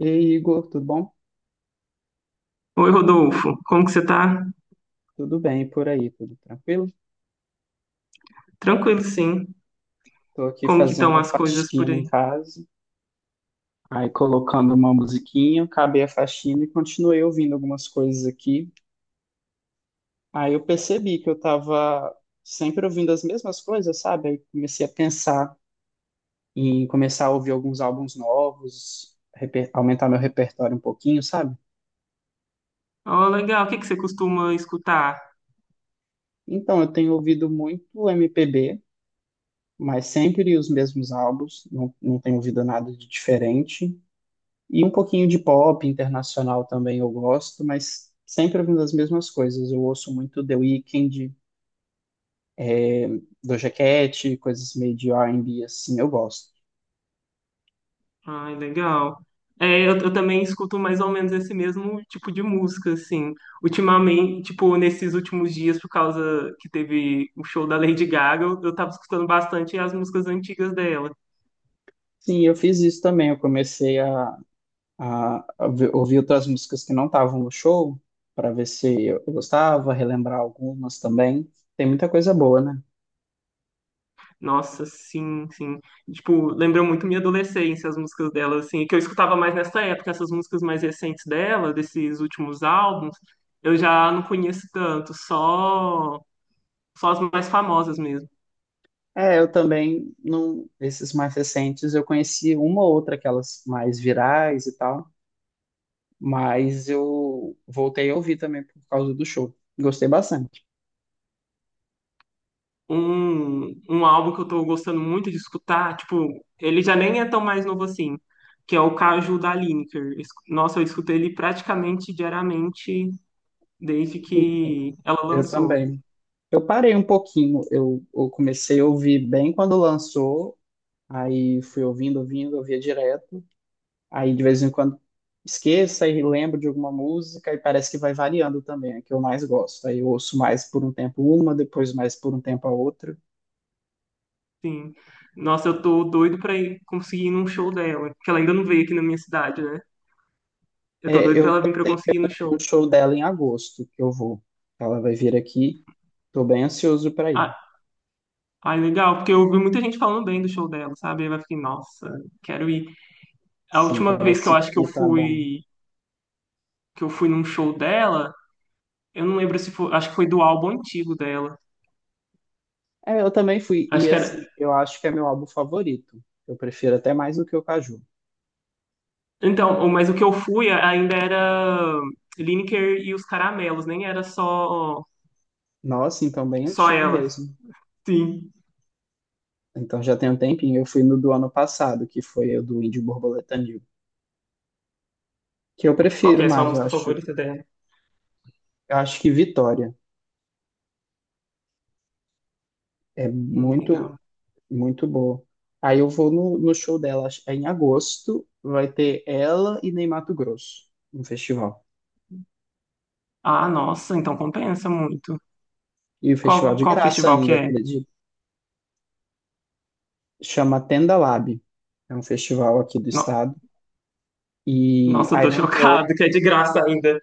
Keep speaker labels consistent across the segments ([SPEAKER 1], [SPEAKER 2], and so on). [SPEAKER 1] E aí, Igor, tudo bom?
[SPEAKER 2] Oi, Rodolfo, como que você tá?
[SPEAKER 1] Tudo bem por aí, tudo tranquilo?
[SPEAKER 2] Tranquilo, sim.
[SPEAKER 1] Tô aqui
[SPEAKER 2] Como que estão
[SPEAKER 1] fazendo a
[SPEAKER 2] as coisas por
[SPEAKER 1] faxina em
[SPEAKER 2] aí?
[SPEAKER 1] casa, aí colocando uma musiquinha, acabei a faxina e continuei ouvindo algumas coisas aqui. Aí eu percebi que eu tava sempre ouvindo as mesmas coisas, sabe? Aí comecei a pensar em começar a ouvir alguns álbuns novos, aumentar meu repertório um pouquinho, sabe?
[SPEAKER 2] Oh, legal. O que que você costuma escutar?
[SPEAKER 1] Então, eu tenho ouvido muito MPB, mas sempre os mesmos álbuns, não tenho ouvido nada de diferente. E um pouquinho de pop internacional também eu gosto, mas sempre ouvindo as mesmas coisas. Eu ouço muito The Weeknd, eh, Doja Cat, coisas meio de R&B, assim, eu gosto.
[SPEAKER 2] Ai, legal. É, eu também escuto mais ou menos esse mesmo tipo de música, assim. Ultimamente, tipo, nesses últimos dias, por causa que teve o show da Lady Gaga, eu tava escutando bastante as músicas antigas dela.
[SPEAKER 1] Sim, eu fiz isso também. Eu comecei a ouvir outras músicas que não estavam no show, para ver se eu gostava, relembrar algumas também. Tem muita coisa boa, né?
[SPEAKER 2] Nossa, sim, sim. Tipo, lembrou muito minha adolescência, as músicas dela, assim, que eu escutava mais nessa época, essas músicas mais recentes dela, desses últimos álbuns, eu já não conheço tanto, só as mais famosas mesmo.
[SPEAKER 1] É, eu também, não, esses mais recentes, eu conheci uma ou outra, aquelas mais virais e tal, mas eu voltei a ouvir também por causa do show. Gostei bastante.
[SPEAKER 2] Um álbum que eu tô gostando muito de escutar, tipo, ele já nem é tão mais novo assim, que é o Caju da Lineker. Nossa, eu escuto ele praticamente diariamente desde
[SPEAKER 1] Sim,
[SPEAKER 2] que ela
[SPEAKER 1] eu
[SPEAKER 2] lançou.
[SPEAKER 1] também. Eu parei um pouquinho, eu comecei a ouvir bem quando lançou, aí fui ouvindo, ouvindo, ouvia direto. Aí de vez em quando esqueço e lembro de alguma música e parece que vai variando também, é que eu mais gosto. Aí eu ouço mais por um tempo uma, depois mais por um tempo a outra.
[SPEAKER 2] Sim. Nossa, eu tô doido pra ir conseguir ir num show dela, que ela ainda não veio aqui na minha cidade, né? Eu tô
[SPEAKER 1] É,
[SPEAKER 2] doido pra
[SPEAKER 1] eu
[SPEAKER 2] ela vir pra eu
[SPEAKER 1] tenho
[SPEAKER 2] conseguir ir no
[SPEAKER 1] um
[SPEAKER 2] show.
[SPEAKER 1] show dela em agosto que eu vou. Ela vai vir aqui. Tô bem ansioso para ir.
[SPEAKER 2] Ah, ai, legal, porque eu ouvi muita gente falando bem do show dela, sabe? Aí eu fiquei, nossa, quero ir. A
[SPEAKER 1] Sim,
[SPEAKER 2] última vez que eu
[SPEAKER 1] parece
[SPEAKER 2] acho
[SPEAKER 1] que tá bom.
[SPEAKER 2] que eu fui num show dela, eu não lembro se foi, acho que foi do álbum antigo dela.
[SPEAKER 1] É, eu também fui.
[SPEAKER 2] Acho
[SPEAKER 1] E
[SPEAKER 2] que era.
[SPEAKER 1] assim, eu acho que é meu álbum favorito. Eu prefiro até mais do que o Caju.
[SPEAKER 2] Então, mas o que eu fui ainda era Lineker e os Caramelos, nem era só
[SPEAKER 1] Nossa, então bem
[SPEAKER 2] só
[SPEAKER 1] antigo
[SPEAKER 2] ela.
[SPEAKER 1] mesmo.
[SPEAKER 2] Sim.
[SPEAKER 1] Então já tem um tempinho. Eu fui no do ano passado, que foi o do Índio Borboleta New. Que eu
[SPEAKER 2] Qual que
[SPEAKER 1] prefiro
[SPEAKER 2] é a sua
[SPEAKER 1] mais, eu
[SPEAKER 2] música
[SPEAKER 1] acho.
[SPEAKER 2] favorita dela?
[SPEAKER 1] Eu acho que Vitória é muito,
[SPEAKER 2] Legal.
[SPEAKER 1] muito boa. Aí eu vou no show dela, é em agosto. Vai ter ela e Ney Mato Grosso no festival.
[SPEAKER 2] Ah, nossa, então compensa muito.
[SPEAKER 1] E o festival
[SPEAKER 2] Qual,
[SPEAKER 1] de
[SPEAKER 2] qual
[SPEAKER 1] graça
[SPEAKER 2] festival que
[SPEAKER 1] ainda,
[SPEAKER 2] é?
[SPEAKER 1] acredito. Chama Tenda Lab. É um festival aqui do
[SPEAKER 2] No-
[SPEAKER 1] estado. E
[SPEAKER 2] Nossa, eu
[SPEAKER 1] aí
[SPEAKER 2] tô
[SPEAKER 1] vão ter outro.
[SPEAKER 2] chocado, que é de graça ainda.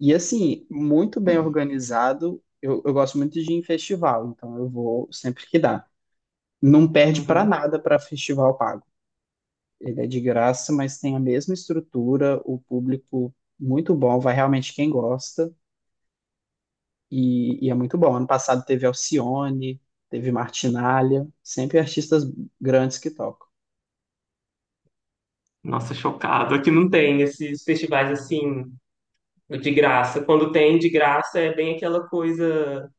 [SPEAKER 1] E assim, muito bem organizado. Eu gosto muito de ir em festival, então eu vou sempre que dá. Não perde para
[SPEAKER 2] Uhum.
[SPEAKER 1] nada para festival pago. Ele é de graça, mas tem a mesma estrutura, o público muito bom, vai realmente quem gosta. E é muito bom. Ano passado teve Alcione, teve Martinália, sempre artistas grandes que tocam.
[SPEAKER 2] Nossa, chocado. Aqui não tem esses festivais assim de graça. Quando tem de graça é bem aquela coisa,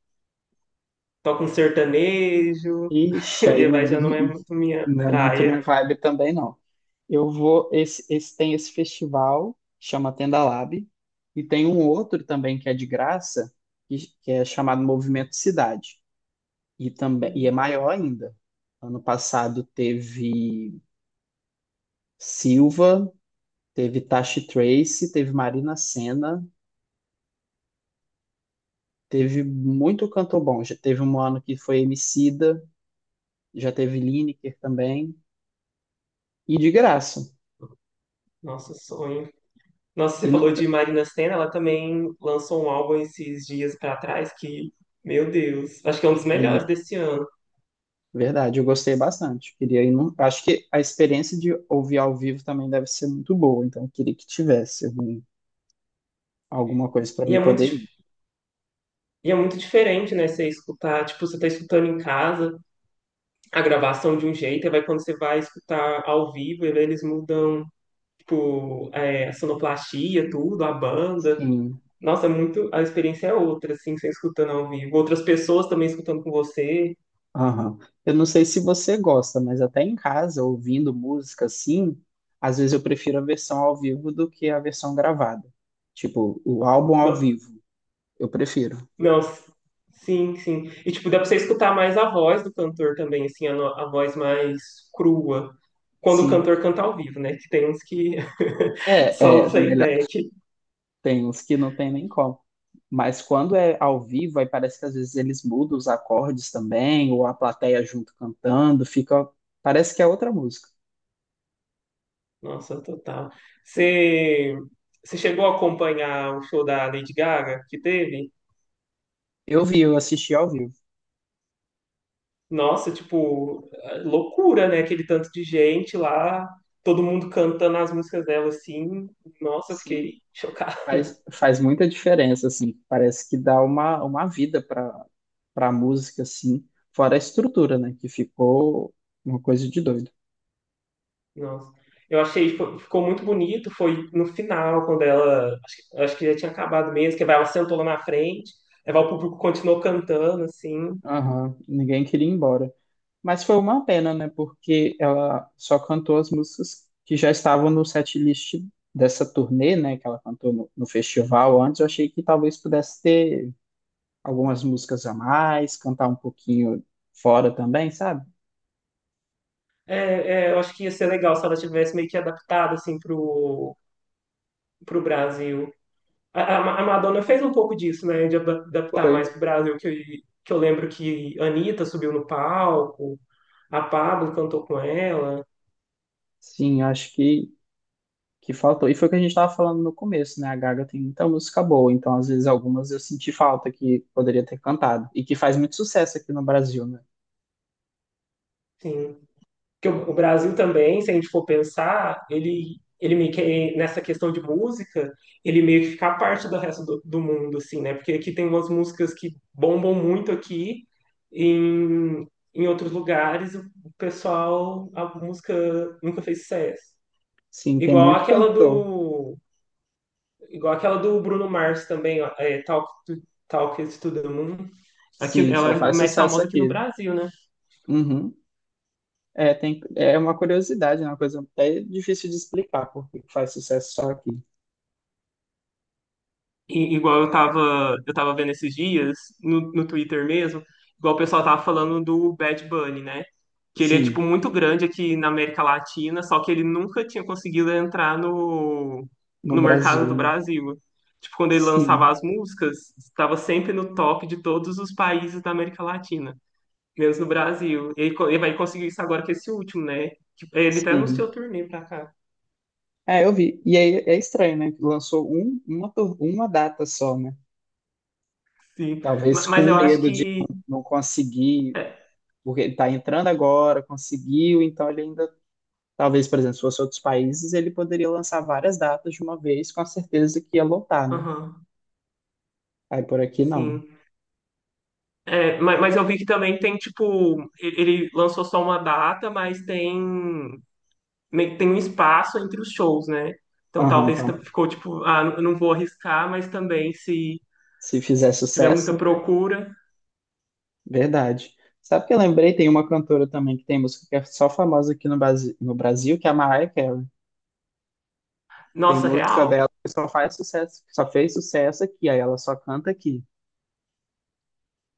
[SPEAKER 2] toca um sertanejo,
[SPEAKER 1] Ixi, aí
[SPEAKER 2] e vai
[SPEAKER 1] não.
[SPEAKER 2] já não é muito minha
[SPEAKER 1] Não é muito
[SPEAKER 2] praia.
[SPEAKER 1] minha vibe também, não. Eu vou. Esse tem esse festival, chama Tenda Lab, e tem um outro também que é de graça, que é chamado Movimento Cidade. E também e é maior ainda. Ano passado teve Silva, teve Tashi Trace, teve Marina Senna, teve muito cantor bom. Já teve um ano que foi Emicida, já teve Lineker também, e de graça.
[SPEAKER 2] Nossa, sonho. Nossa, você
[SPEAKER 1] E não,
[SPEAKER 2] falou de Marina Sena, ela também lançou um álbum esses dias pra trás que, meu Deus, acho que é um dos melhores desse ano.
[SPEAKER 1] verdade, eu gostei bastante. Acho que a experiência de ouvir ao vivo também deve ser muito boa, então eu queria que tivesse alguma coisa para
[SPEAKER 2] E
[SPEAKER 1] mim
[SPEAKER 2] é muito
[SPEAKER 1] poder ir.
[SPEAKER 2] E é muito diferente, né? Você escutar, tipo, você tá escutando em casa a gravação de um jeito, e vai quando você vai escutar ao vivo, eles mudam, tipo, é, a sonoplastia, tudo, a banda.
[SPEAKER 1] Sim.
[SPEAKER 2] Nossa, é muito, a experiência é outra, assim, você escutando ao vivo. Outras pessoas também escutando com você.
[SPEAKER 1] Aham. Eu não sei se você gosta, mas até em casa, ouvindo música assim, às vezes eu prefiro a versão ao vivo do que a versão gravada. Tipo, o álbum ao
[SPEAKER 2] Não,
[SPEAKER 1] vivo, eu prefiro.
[SPEAKER 2] não, sim, sim. E, tipo, dá pra você escutar mais a voz do cantor também, assim, a, no- a voz mais crua. Quando o
[SPEAKER 1] Sim.
[SPEAKER 2] cantor canta ao vivo, né? Que tem uns que só
[SPEAKER 1] É, é,
[SPEAKER 2] o playback.
[SPEAKER 1] tem uns que não tem nem como. Mas quando é ao vivo, aí parece que às vezes eles mudam os acordes também, ou a plateia junto cantando, fica. Parece que é outra música.
[SPEAKER 2] Nossa, total. Você, você chegou a acompanhar o show da Lady Gaga que teve?
[SPEAKER 1] Eu vi, eu assisti ao vivo.
[SPEAKER 2] Nossa, tipo, é loucura, né? Aquele tanto de gente lá, todo mundo cantando as músicas dela assim. Nossa, eu
[SPEAKER 1] Sim,
[SPEAKER 2] fiquei chocado.
[SPEAKER 1] faz muita diferença, assim. Parece que dá uma vida para para a música, assim. Fora a estrutura, né? Que ficou uma coisa de doido.
[SPEAKER 2] Nossa. Eu achei, ficou muito bonito. Foi no final, quando ela, acho que já tinha acabado mesmo, que ela sentou lá na frente, aí o público continuou cantando, assim.
[SPEAKER 1] Aham, ninguém queria ir embora. Mas foi uma pena, né? Porque ela só cantou as músicas que já estavam no setlist dessa turnê, né? Que ela cantou no festival antes. Eu achei que talvez pudesse ter algumas músicas a mais, cantar um pouquinho fora também, sabe?
[SPEAKER 2] É, é, eu acho que ia ser legal se ela tivesse meio que adaptado, assim, pro Brasil. A Madonna fez um pouco disso, né? De adaptar mais
[SPEAKER 1] Foi.
[SPEAKER 2] pro Brasil, que, que eu lembro que a Anitta subiu no palco, a Pabllo cantou com ela,
[SPEAKER 1] Sim, que faltou. E foi o que a gente estava falando no começo, né? A Gaga tem muita música boa, então às vezes algumas eu senti falta que poderia ter cantado. E que faz muito sucesso aqui no Brasil, né?
[SPEAKER 2] sim. Que o Brasil também, se a gente for pensar, ele meio que, nessa questão de música, ele meio que fica à parte do resto do mundo, assim, né? Porque aqui tem umas músicas que bombam muito aqui, em, em outros lugares o pessoal, a música nunca fez sucesso.
[SPEAKER 1] Sim, tem
[SPEAKER 2] Igual
[SPEAKER 1] muito
[SPEAKER 2] aquela
[SPEAKER 1] cantor.
[SPEAKER 2] do Igual aquela do Bruno Mars também, ó, é, Talk It to the Moon. Aqui,
[SPEAKER 1] Sim,
[SPEAKER 2] ela
[SPEAKER 1] só
[SPEAKER 2] é
[SPEAKER 1] faz
[SPEAKER 2] mais
[SPEAKER 1] sucesso
[SPEAKER 2] famosa aqui no
[SPEAKER 1] aqui.
[SPEAKER 2] Brasil, né?
[SPEAKER 1] Uhum. É, tem, é uma curiosidade, né? Uma coisa até difícil de explicar porque faz sucesso só aqui.
[SPEAKER 2] E, eu tava vendo esses dias, no Twitter mesmo, igual o pessoal tava falando do Bad Bunny, né? Que ele é, tipo,
[SPEAKER 1] Sim,
[SPEAKER 2] muito grande aqui na América Latina, só que ele nunca tinha conseguido entrar
[SPEAKER 1] no
[SPEAKER 2] no mercado
[SPEAKER 1] Brasil,
[SPEAKER 2] do
[SPEAKER 1] né?
[SPEAKER 2] Brasil. Tipo, quando ele lançava
[SPEAKER 1] Sim,
[SPEAKER 2] as músicas, estava sempre no top de todos os países da América Latina. Mesmo no Brasil. Ele, ele vai conseguir isso agora com esse último, né? Que ele até anunciou
[SPEAKER 1] sim.
[SPEAKER 2] turnê pra cá.
[SPEAKER 1] É, eu vi. E aí é estranho, né? Que lançou um, uma, uma data só, né?
[SPEAKER 2] Sim.
[SPEAKER 1] Talvez
[SPEAKER 2] Mas
[SPEAKER 1] com
[SPEAKER 2] eu acho
[SPEAKER 1] medo de
[SPEAKER 2] que.
[SPEAKER 1] não conseguir,
[SPEAKER 2] É,
[SPEAKER 1] porque ele está entrando agora, conseguiu, então ele ainda. Talvez, por exemplo, se fosse outros países, ele poderia lançar várias datas de uma vez, com a certeza que ia lotar, né?
[SPEAKER 2] aham,
[SPEAKER 1] Aí por aqui não.
[SPEAKER 2] sim. É, mas, eu vi que também tem, tipo. Ele lançou só uma data, mas tem, tem um espaço entre os shows, né? Então
[SPEAKER 1] Aham,
[SPEAKER 2] talvez
[SPEAKER 1] então,
[SPEAKER 2] ficou tipo, ah, não vou arriscar, mas também se,
[SPEAKER 1] se fizer
[SPEAKER 2] se tiver muita
[SPEAKER 1] sucesso, né?
[SPEAKER 2] procura.
[SPEAKER 1] Verdade. Sabe que eu lembrei? Tem uma cantora também que tem música que é só famosa aqui no Brasil, no Brasil, que é a Mariah Carey. Tem
[SPEAKER 2] Nossa,
[SPEAKER 1] música
[SPEAKER 2] real.
[SPEAKER 1] dela que só faz sucesso, só fez sucesso aqui, aí ela só canta aqui.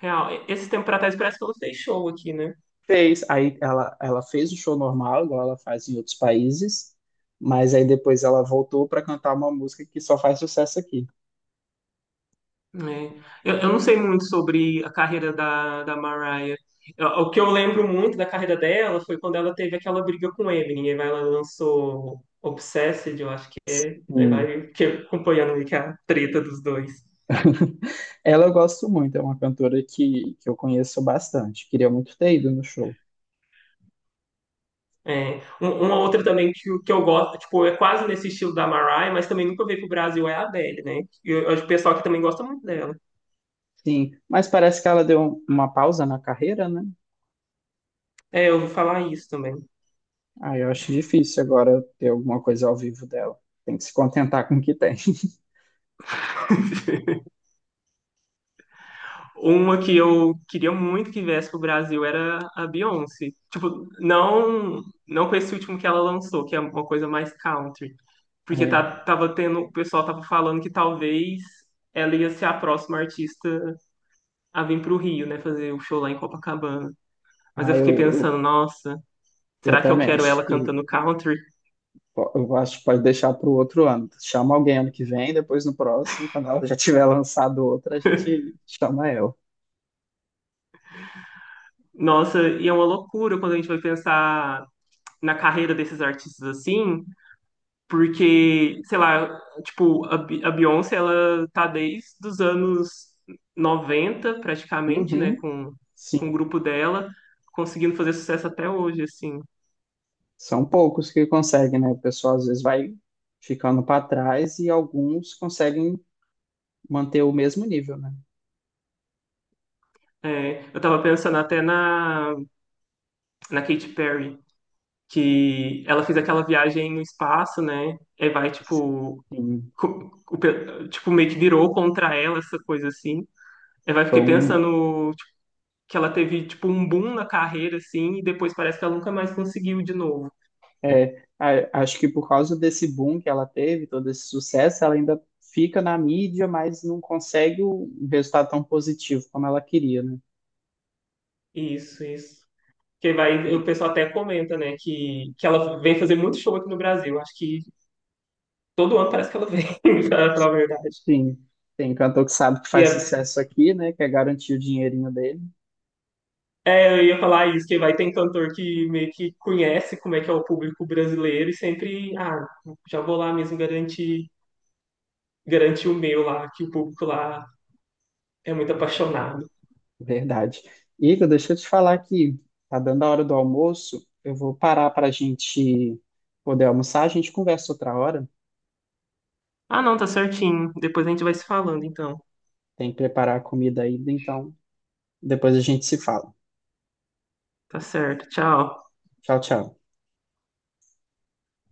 [SPEAKER 2] Real. Esse tempo pra trás parece que ela fez show aqui, né?
[SPEAKER 1] Fez, aí ela fez o show normal, igual ela faz em outros países, mas aí depois ela voltou para cantar uma música que só faz sucesso aqui.
[SPEAKER 2] Né, eu não sei muito sobre a carreira da Mariah. O que eu lembro muito da carreira dela foi quando ela teve aquela briga com o Eminem. E aí ela lançou Obsessed, eu acho que é. Aí
[SPEAKER 1] Sim.
[SPEAKER 2] vai que acompanhando ali que é a treta dos dois.
[SPEAKER 1] Ela eu gosto muito, é uma cantora que eu conheço bastante. Queria muito ter ido no show.
[SPEAKER 2] É. Uma outra também que, que eu gosto, tipo, é quase nesse estilo da Mariah, mas também nunca veio pro Brasil, é a Adele, né? E eu acho que o pessoal aqui também gosta muito dela.
[SPEAKER 1] Sim, mas parece que ela deu uma pausa na carreira, né?
[SPEAKER 2] É, eu ouvi falar isso também.
[SPEAKER 1] Ah, eu acho difícil agora ter alguma coisa ao vivo dela. Tem que se contentar com o que tem.
[SPEAKER 2] Uma que eu queria muito que viesse pro Brasil era a Beyoncé. Tipo, não, não com esse último que ela lançou, que é uma coisa mais country. Porque tá,
[SPEAKER 1] É,
[SPEAKER 2] tava tendo, o pessoal tava falando que talvez ela ia ser a próxima artista a vir pro Rio, né? Fazer o show lá em Copacabana. Mas eu
[SPEAKER 1] ah,
[SPEAKER 2] fiquei pensando, nossa,
[SPEAKER 1] eu
[SPEAKER 2] será que eu
[SPEAKER 1] também
[SPEAKER 2] quero
[SPEAKER 1] acho
[SPEAKER 2] ela
[SPEAKER 1] que
[SPEAKER 2] cantando country?
[SPEAKER 1] eu acho que pode deixar para o outro ano. Chama alguém ano que vem, depois no próximo, quando ela já tiver lançado outra, a gente chama ela.
[SPEAKER 2] Nossa, e é uma loucura quando a gente vai pensar na carreira desses artistas assim, porque, sei lá, tipo, a Beyoncé, ela tá desde os anos 90 praticamente, né,
[SPEAKER 1] Uhum,
[SPEAKER 2] com o
[SPEAKER 1] sim.
[SPEAKER 2] grupo dela, conseguindo fazer sucesso até hoje, assim.
[SPEAKER 1] São poucos que conseguem, né? O pessoal às vezes vai ficando para trás e alguns conseguem manter o mesmo nível, né?
[SPEAKER 2] É, eu tava pensando até na Katy Perry, que ela fez aquela viagem no espaço, né, e vai, tipo,
[SPEAKER 1] Sim,
[SPEAKER 2] tipo, meio que virou contra ela, essa coisa assim. Eu vai
[SPEAKER 1] foi
[SPEAKER 2] fiquei
[SPEAKER 1] um.
[SPEAKER 2] pensando tipo, que ela teve tipo um boom na carreira assim e depois parece que ela nunca mais conseguiu de novo.
[SPEAKER 1] É, acho que por causa desse boom que ela teve, todo esse sucesso, ela ainda fica na mídia, mas não consegue o resultado tão positivo como ela queria, né?
[SPEAKER 2] Isso, isso. Que vai, o
[SPEAKER 1] E,
[SPEAKER 2] pessoal até comenta, né, que ela vem fazer muito show aqui no Brasil. Acho que todo ano parece que ela vem, pra falar a verdade.
[SPEAKER 1] sim, tem cantor que sabe que
[SPEAKER 2] E
[SPEAKER 1] faz
[SPEAKER 2] é,
[SPEAKER 1] sucesso aqui, né? Quer garantir o dinheirinho dele.
[SPEAKER 2] é, eu ia falar isso, que vai, tem cantor que meio que conhece como é que é o público brasileiro e sempre, ah, já vou lá mesmo garantir, garantir o meu lá, que o público lá é muito apaixonado.
[SPEAKER 1] Verdade. Igor, deixa eu te falar que tá dando a hora do almoço. Eu vou parar para a gente poder almoçar. A gente conversa outra hora.
[SPEAKER 2] Ah, não, tá certinho. Depois a gente vai se falando, então.
[SPEAKER 1] Tem que preparar a comida ainda, então depois a gente se fala.
[SPEAKER 2] Tá certo. Tchau.
[SPEAKER 1] Tchau, tchau.